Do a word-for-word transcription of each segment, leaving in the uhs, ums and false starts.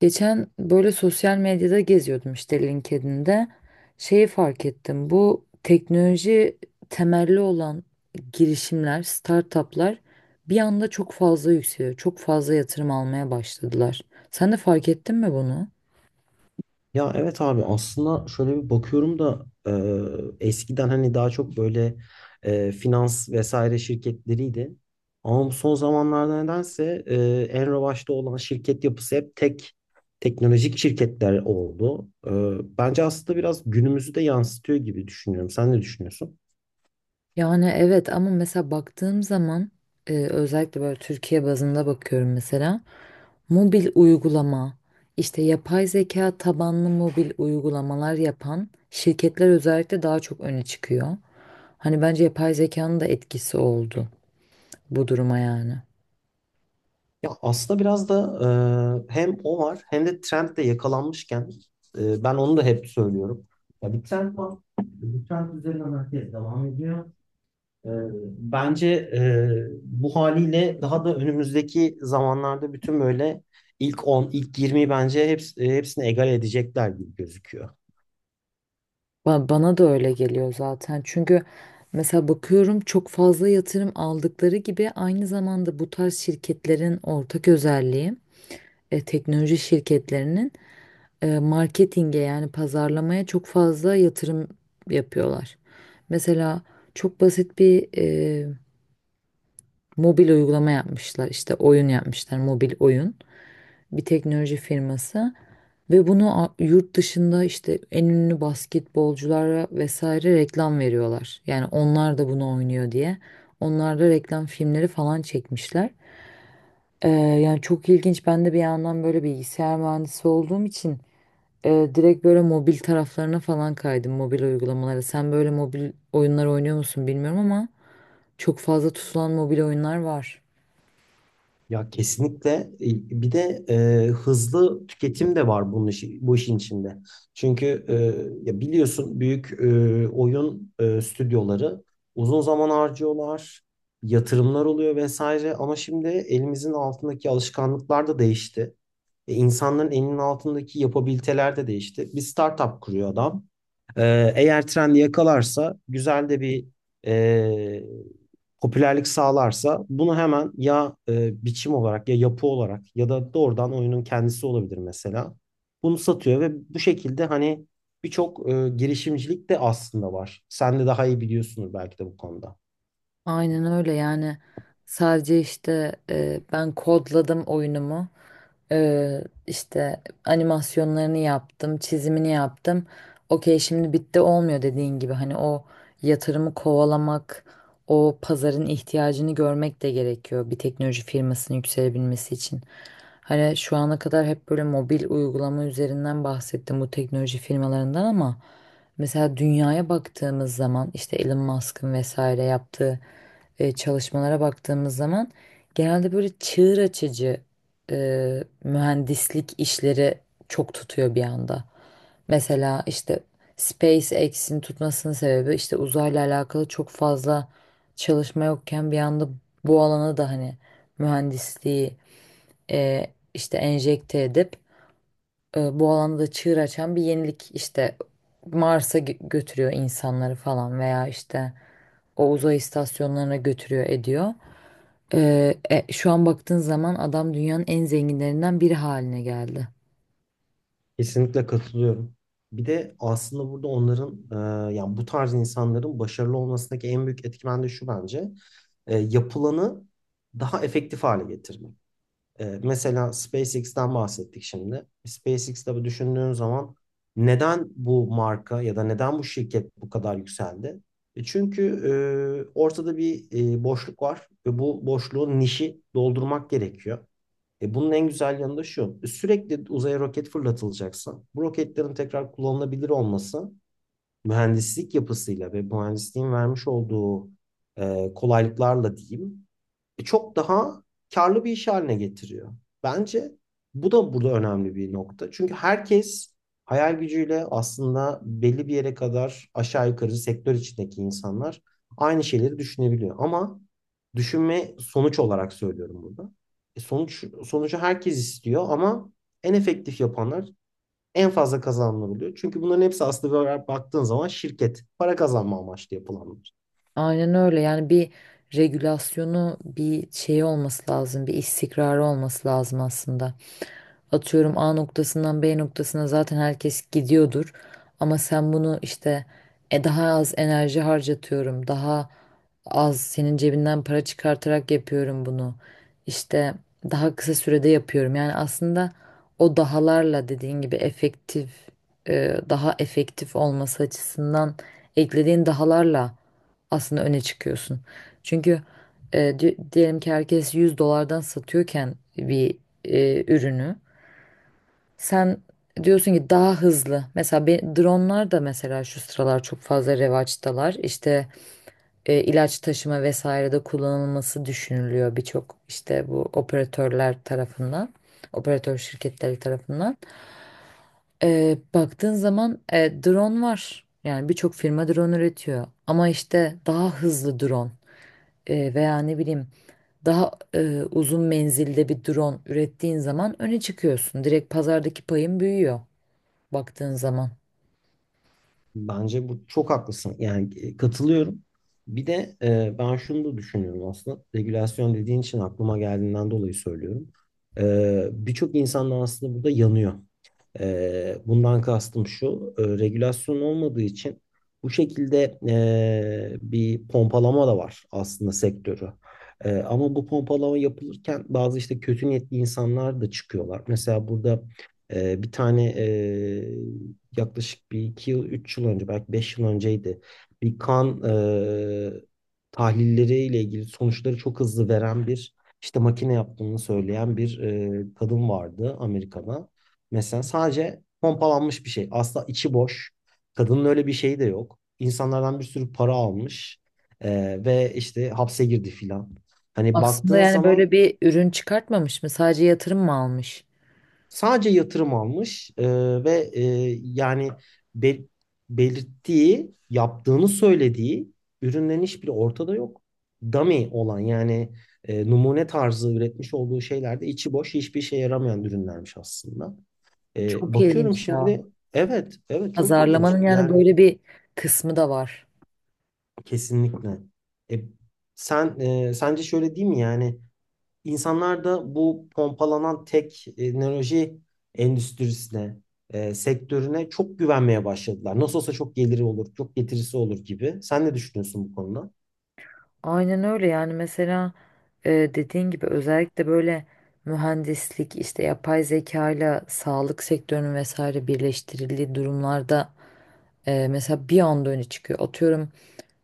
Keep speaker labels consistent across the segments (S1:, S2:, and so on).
S1: Geçen böyle sosyal medyada geziyordum işte LinkedIn'de. Şeyi fark ettim. Bu teknoloji temelli olan girişimler, startuplar bir anda çok fazla yükseliyor. Çok fazla yatırım almaya başladılar. Sen de fark ettin mi bunu?
S2: Ya evet abi aslında şöyle bir bakıyorum da e, eskiden hani daha çok böyle e, finans vesaire şirketleriydi. Ama bu son zamanlarda nedense e, en revaçta olan şirket yapısı hep tek teknolojik şirketler oldu. E, bence aslında biraz günümüzü de yansıtıyor gibi düşünüyorum. Sen ne düşünüyorsun?
S1: Yani evet, ama mesela baktığım zaman e, özellikle böyle Türkiye bazında bakıyorum mesela mobil uygulama, işte yapay zeka tabanlı mobil uygulamalar yapan şirketler özellikle daha çok öne çıkıyor. Hani bence yapay zekanın da etkisi oldu bu duruma yani.
S2: Ya aslında biraz da e, hem o var hem de trend de yakalanmışken, e, ben onu da hep söylüyorum. Ya bir trend var. Bu trend üzerinden herkes devam ediyor. Ee, Bence e, bu haliyle daha da önümüzdeki zamanlarda bütün böyle ilk on, ilk yirmiyi bence heps- hepsini egal edecekler gibi gözüküyor.
S1: Ba- bana da öyle geliyor zaten, çünkü mesela bakıyorum çok fazla yatırım aldıkları gibi aynı zamanda bu tarz şirketlerin ortak özelliği, e, teknoloji şirketlerinin e, marketinge, yani pazarlamaya çok fazla yatırım yapıyorlar. Mesela çok basit bir e, mobil uygulama yapmışlar. İşte oyun yapmışlar, mobil oyun. Bir teknoloji firması ve bunu a- yurt dışında işte en ünlü basketbolculara vesaire reklam veriyorlar. Yani onlar da bunu oynuyor diye. Onlar da reklam filmleri falan çekmişler. E, yani çok ilginç. Ben de bir yandan böyle bilgisayar mühendisi olduğum için ee, direkt böyle mobil taraflarına falan kaydım, mobil uygulamalara. Sen böyle mobil oyunlar oynuyor musun bilmiyorum ama çok fazla tutulan mobil oyunlar var.
S2: Ya kesinlikle. E, bir de e, hızlı tüketim de var bunun işi, bu işin içinde. Çünkü e, ya biliyorsun büyük e, oyun e, stüdyoları uzun zaman harcıyorlar, yatırımlar oluyor vesaire ama şimdi elimizin altındaki alışkanlıklar da değişti. E, insanların elinin altındaki yapabiliteler de değişti. Bir startup kuruyor adam. Ee, eğer trend yakalarsa güzel de bir e, popülerlik sağlarsa bunu hemen ya e, biçim olarak ya yapı olarak ya da doğrudan oyunun kendisi olabilir mesela. Bunu satıyor ve bu şekilde hani birçok e, girişimcilik de aslında var. Sen de daha iyi biliyorsunuz belki de bu konuda.
S1: Aynen öyle, yani sadece işte e, ben kodladım oyunumu. E, işte animasyonlarını yaptım, çizimini yaptım, okey, şimdi bitti olmuyor dediğin gibi. Hani o yatırımı kovalamak, o pazarın ihtiyacını görmek de gerekiyor bir teknoloji firmasının yükselebilmesi için. Hani şu ana kadar hep böyle mobil uygulama üzerinden bahsettim bu teknoloji firmalarından ama mesela dünyaya baktığımız zaman, işte Elon Musk'ın vesaire yaptığı e, çalışmalara baktığımız zaman genelde böyle çığır açıcı e, mühendislik işleri çok tutuyor bir anda. Mesela işte SpaceX'in tutmasının sebebi, işte uzayla alakalı çok fazla çalışma yokken bir anda bu alana da hani mühendisliği e, işte enjekte edip e, bu alanda da çığır açan bir yenilik işte Mars'a gö- götürüyor insanları falan veya işte o uzay istasyonlarına götürüyor ediyor. Ee, e, şu an baktığın zaman adam dünyanın en zenginlerinden biri haline geldi.
S2: Kesinlikle katılıyorum. Bir de aslında burada onların, e, yani bu tarz insanların başarılı olmasındaki en büyük etkimen de şu bence: e, yapılanı daha efektif hale getirmek. E, mesela SpaceX'ten bahsettik şimdi. SpaceX'te bu düşündüğün zaman neden bu marka ya da neden bu şirket bu kadar yükseldi? E çünkü e, ortada bir e, boşluk var ve bu boşluğun nişi doldurmak gerekiyor. E bunun en güzel yanı da şu. E, sürekli uzaya roket fırlatılacaksa bu roketlerin tekrar kullanılabilir olması mühendislik yapısıyla ve mühendisliğin vermiş olduğu e, kolaylıklarla diyeyim e, çok daha karlı bir iş haline getiriyor. Bence bu da burada önemli bir nokta. Çünkü herkes hayal gücüyle aslında belli bir yere kadar, aşağı yukarı sektör içindeki insanlar aynı şeyleri düşünebiliyor. Ama düşünme sonuç olarak söylüyorum burada. E sonuç sonucu herkes istiyor ama en efektif yapanlar en fazla kazananlar oluyor. Çünkü bunların hepsi aslında böyle baktığın zaman şirket para kazanma amaçlı yapılanlar.
S1: Aynen öyle, yani bir regülasyonu, bir şeyi olması lazım, bir istikrarı olması lazım aslında. Atıyorum A noktasından B noktasına zaten herkes gidiyordur. Ama sen bunu işte e, daha az enerji harcatıyorum. Daha az senin cebinden para çıkartarak yapıyorum bunu. İşte daha kısa sürede yapıyorum. Yani aslında o dahalarla, dediğin gibi efektif, e, daha efektif olması açısından eklediğin dahalarla aslında öne çıkıyorsun. Çünkü e, di- diyelim ki herkes 100 dolardan satıyorken bir e, ürünü sen diyorsun ki daha hızlı. Mesela be- dronlar da mesela şu sıralar çok fazla revaçtalar. İşte e, ilaç taşıma vesairede kullanılması düşünülüyor birçok işte bu operatörler tarafından. Operatör şirketleri tarafından. E, baktığın zaman e, drone var. Yani birçok firma drone üretiyor. Ama işte daha hızlı drone e, veya ne bileyim daha e, uzun menzilde bir drone ürettiğin zaman öne çıkıyorsun. Direkt pazardaki payın büyüyor baktığın zaman.
S2: Bence bu çok haklısın. Yani e, katılıyorum. Bir de e, ben şunu da düşünüyorum aslında. Regülasyon dediğin için aklıma geldiğinden dolayı söylüyorum. E, birçok insan da aslında burada yanıyor. Ee, bundan kastım şu: e, regülasyon olmadığı için bu şekilde e, bir pompalama da var aslında sektörü. E, ama bu pompalama yapılırken bazı işte kötü niyetli insanlar da çıkıyorlar. Mesela burada e, bir tane, e, yaklaşık bir iki yıl, üç yıl önce, belki beş yıl önceydi. Bir kan e, tahlilleriyle ilgili sonuçları çok hızlı veren bir işte makine yaptığını söyleyen bir e, kadın vardı Amerika'da. Mesela sadece pompalanmış bir şey. Asla içi boş. Kadının öyle bir şeyi de yok. İnsanlardan bir sürü para almış. Ee, ve işte hapse girdi filan. Hani
S1: Aslında
S2: baktığın
S1: yani
S2: zaman
S1: böyle bir ürün çıkartmamış mı? Sadece yatırım mı almış?
S2: sadece yatırım almış. ee, ve e, Yani bel- belirttiği, yaptığını söylediği ürünlerin hiçbiri ortada yok. Dummy olan yani e, numune tarzı üretmiş olduğu şeylerde içi boş hiçbir işe yaramayan ürünlermiş aslında. E,
S1: Çok
S2: bakıyorum
S1: ilginç ya.
S2: şimdi, evet evet çok ilginç
S1: Pazarlamanın yani
S2: yani.
S1: böyle bir kısmı da var.
S2: Kesinlikle. E, Sen, e, sence şöyle değil mi, yani insanlar da bu pompalanan teknoloji endüstrisine, e, sektörüne çok güvenmeye başladılar. Nasıl olsa çok geliri olur çok getirisi olur gibi. Sen ne düşünüyorsun bu konuda?
S1: Aynen öyle, yani mesela e, dediğin gibi özellikle böyle mühendislik, işte yapay zeka ile sağlık sektörünün vesaire birleştirildiği durumlarda e, mesela bir anda öne çıkıyor. Atıyorum,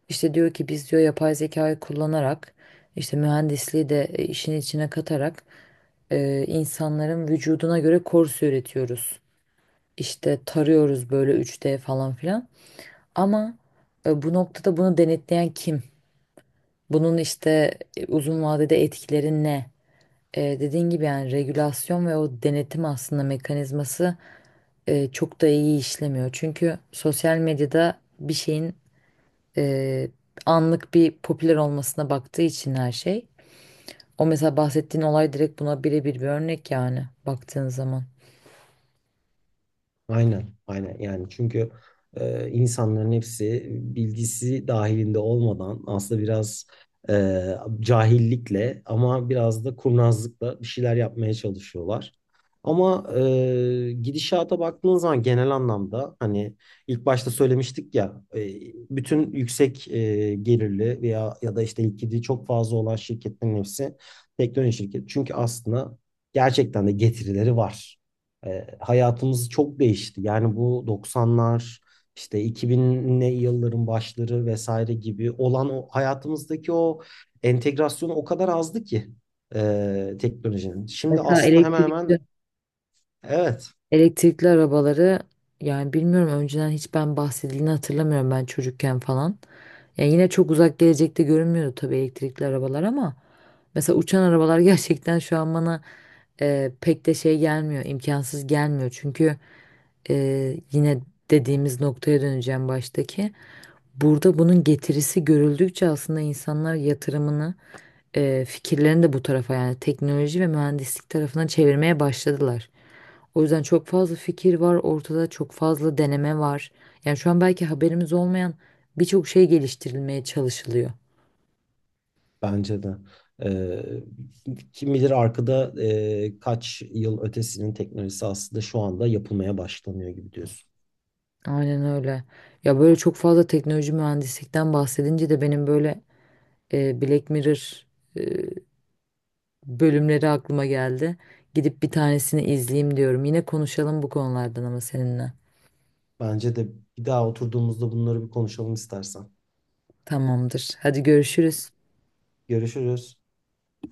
S1: işte diyor ki biz diyor yapay zekayı kullanarak işte mühendisliği de e, işin içine katarak e, insanların vücuduna göre korse üretiyoruz. İşte tarıyoruz böyle üç D falan filan. Ama e, bu noktada bunu denetleyen kim? Bunun işte e, uzun vadede etkileri ne? E, dediğin gibi yani regülasyon ve o denetim aslında mekanizması e, çok da iyi işlemiyor. Çünkü sosyal medyada bir şeyin e, anlık bir popüler olmasına baktığı için her şey. O mesela bahsettiğin olay direkt buna birebir bir örnek yani baktığın zaman.
S2: Aynen, aynen. Yani çünkü e, insanların hepsi bilgisi dahilinde olmadan aslında biraz e, cahillikle ama biraz da kurnazlıkla bir şeyler yapmaya çalışıyorlar. Ama e, gidişata baktığınız zaman genel anlamda hani ilk başta söylemiştik ya, e, bütün yüksek e, gelirli veya ya da işte likidi çok fazla olan şirketlerin hepsi teknoloji şirketi. Çünkü aslında gerçekten de getirileri var. E, hayatımız çok değişti. Yani bu doksanlar işte iki binli yılların başları vesaire gibi olan o hayatımızdaki o entegrasyon o kadar azdı ki e, teknolojinin. Şimdi
S1: Mesela
S2: aslında hemen
S1: elektrikli
S2: hemen evet,
S1: Elektrikli arabaları, yani bilmiyorum önceden hiç ben bahsedildiğini hatırlamıyorum ben çocukken falan. Yani yine çok uzak gelecekte görünmüyordu tabii elektrikli arabalar ama mesela uçan arabalar gerçekten şu an bana e, pek de şey gelmiyor, imkansız gelmiyor. Çünkü e, yine dediğimiz noktaya döneceğim baştaki. Burada bunun getirisi görüldükçe aslında insanlar yatırımını, e, fikirlerini de bu tarafa, yani teknoloji ve mühendislik tarafına çevirmeye başladılar. O yüzden çok fazla fikir var ortada, çok fazla deneme var. Yani şu an belki haberimiz olmayan birçok şey geliştirilmeye çalışılıyor.
S2: bence de. E, Kim bilir arkada e, kaç yıl ötesinin teknolojisi aslında şu anda yapılmaya başlanıyor gibi diyorsun.
S1: Aynen öyle. Ya böyle çok fazla teknoloji mühendislikten bahsedince de benim böyle e, Black Mirror e, bölümleri aklıma geldi. Gidip bir tanesini izleyeyim diyorum. Yine konuşalım bu konulardan ama seninle.
S2: Bence de bir daha oturduğumuzda bunları bir konuşalım istersen.
S1: Tamamdır. Hadi görüşürüz.
S2: Görüşürüz.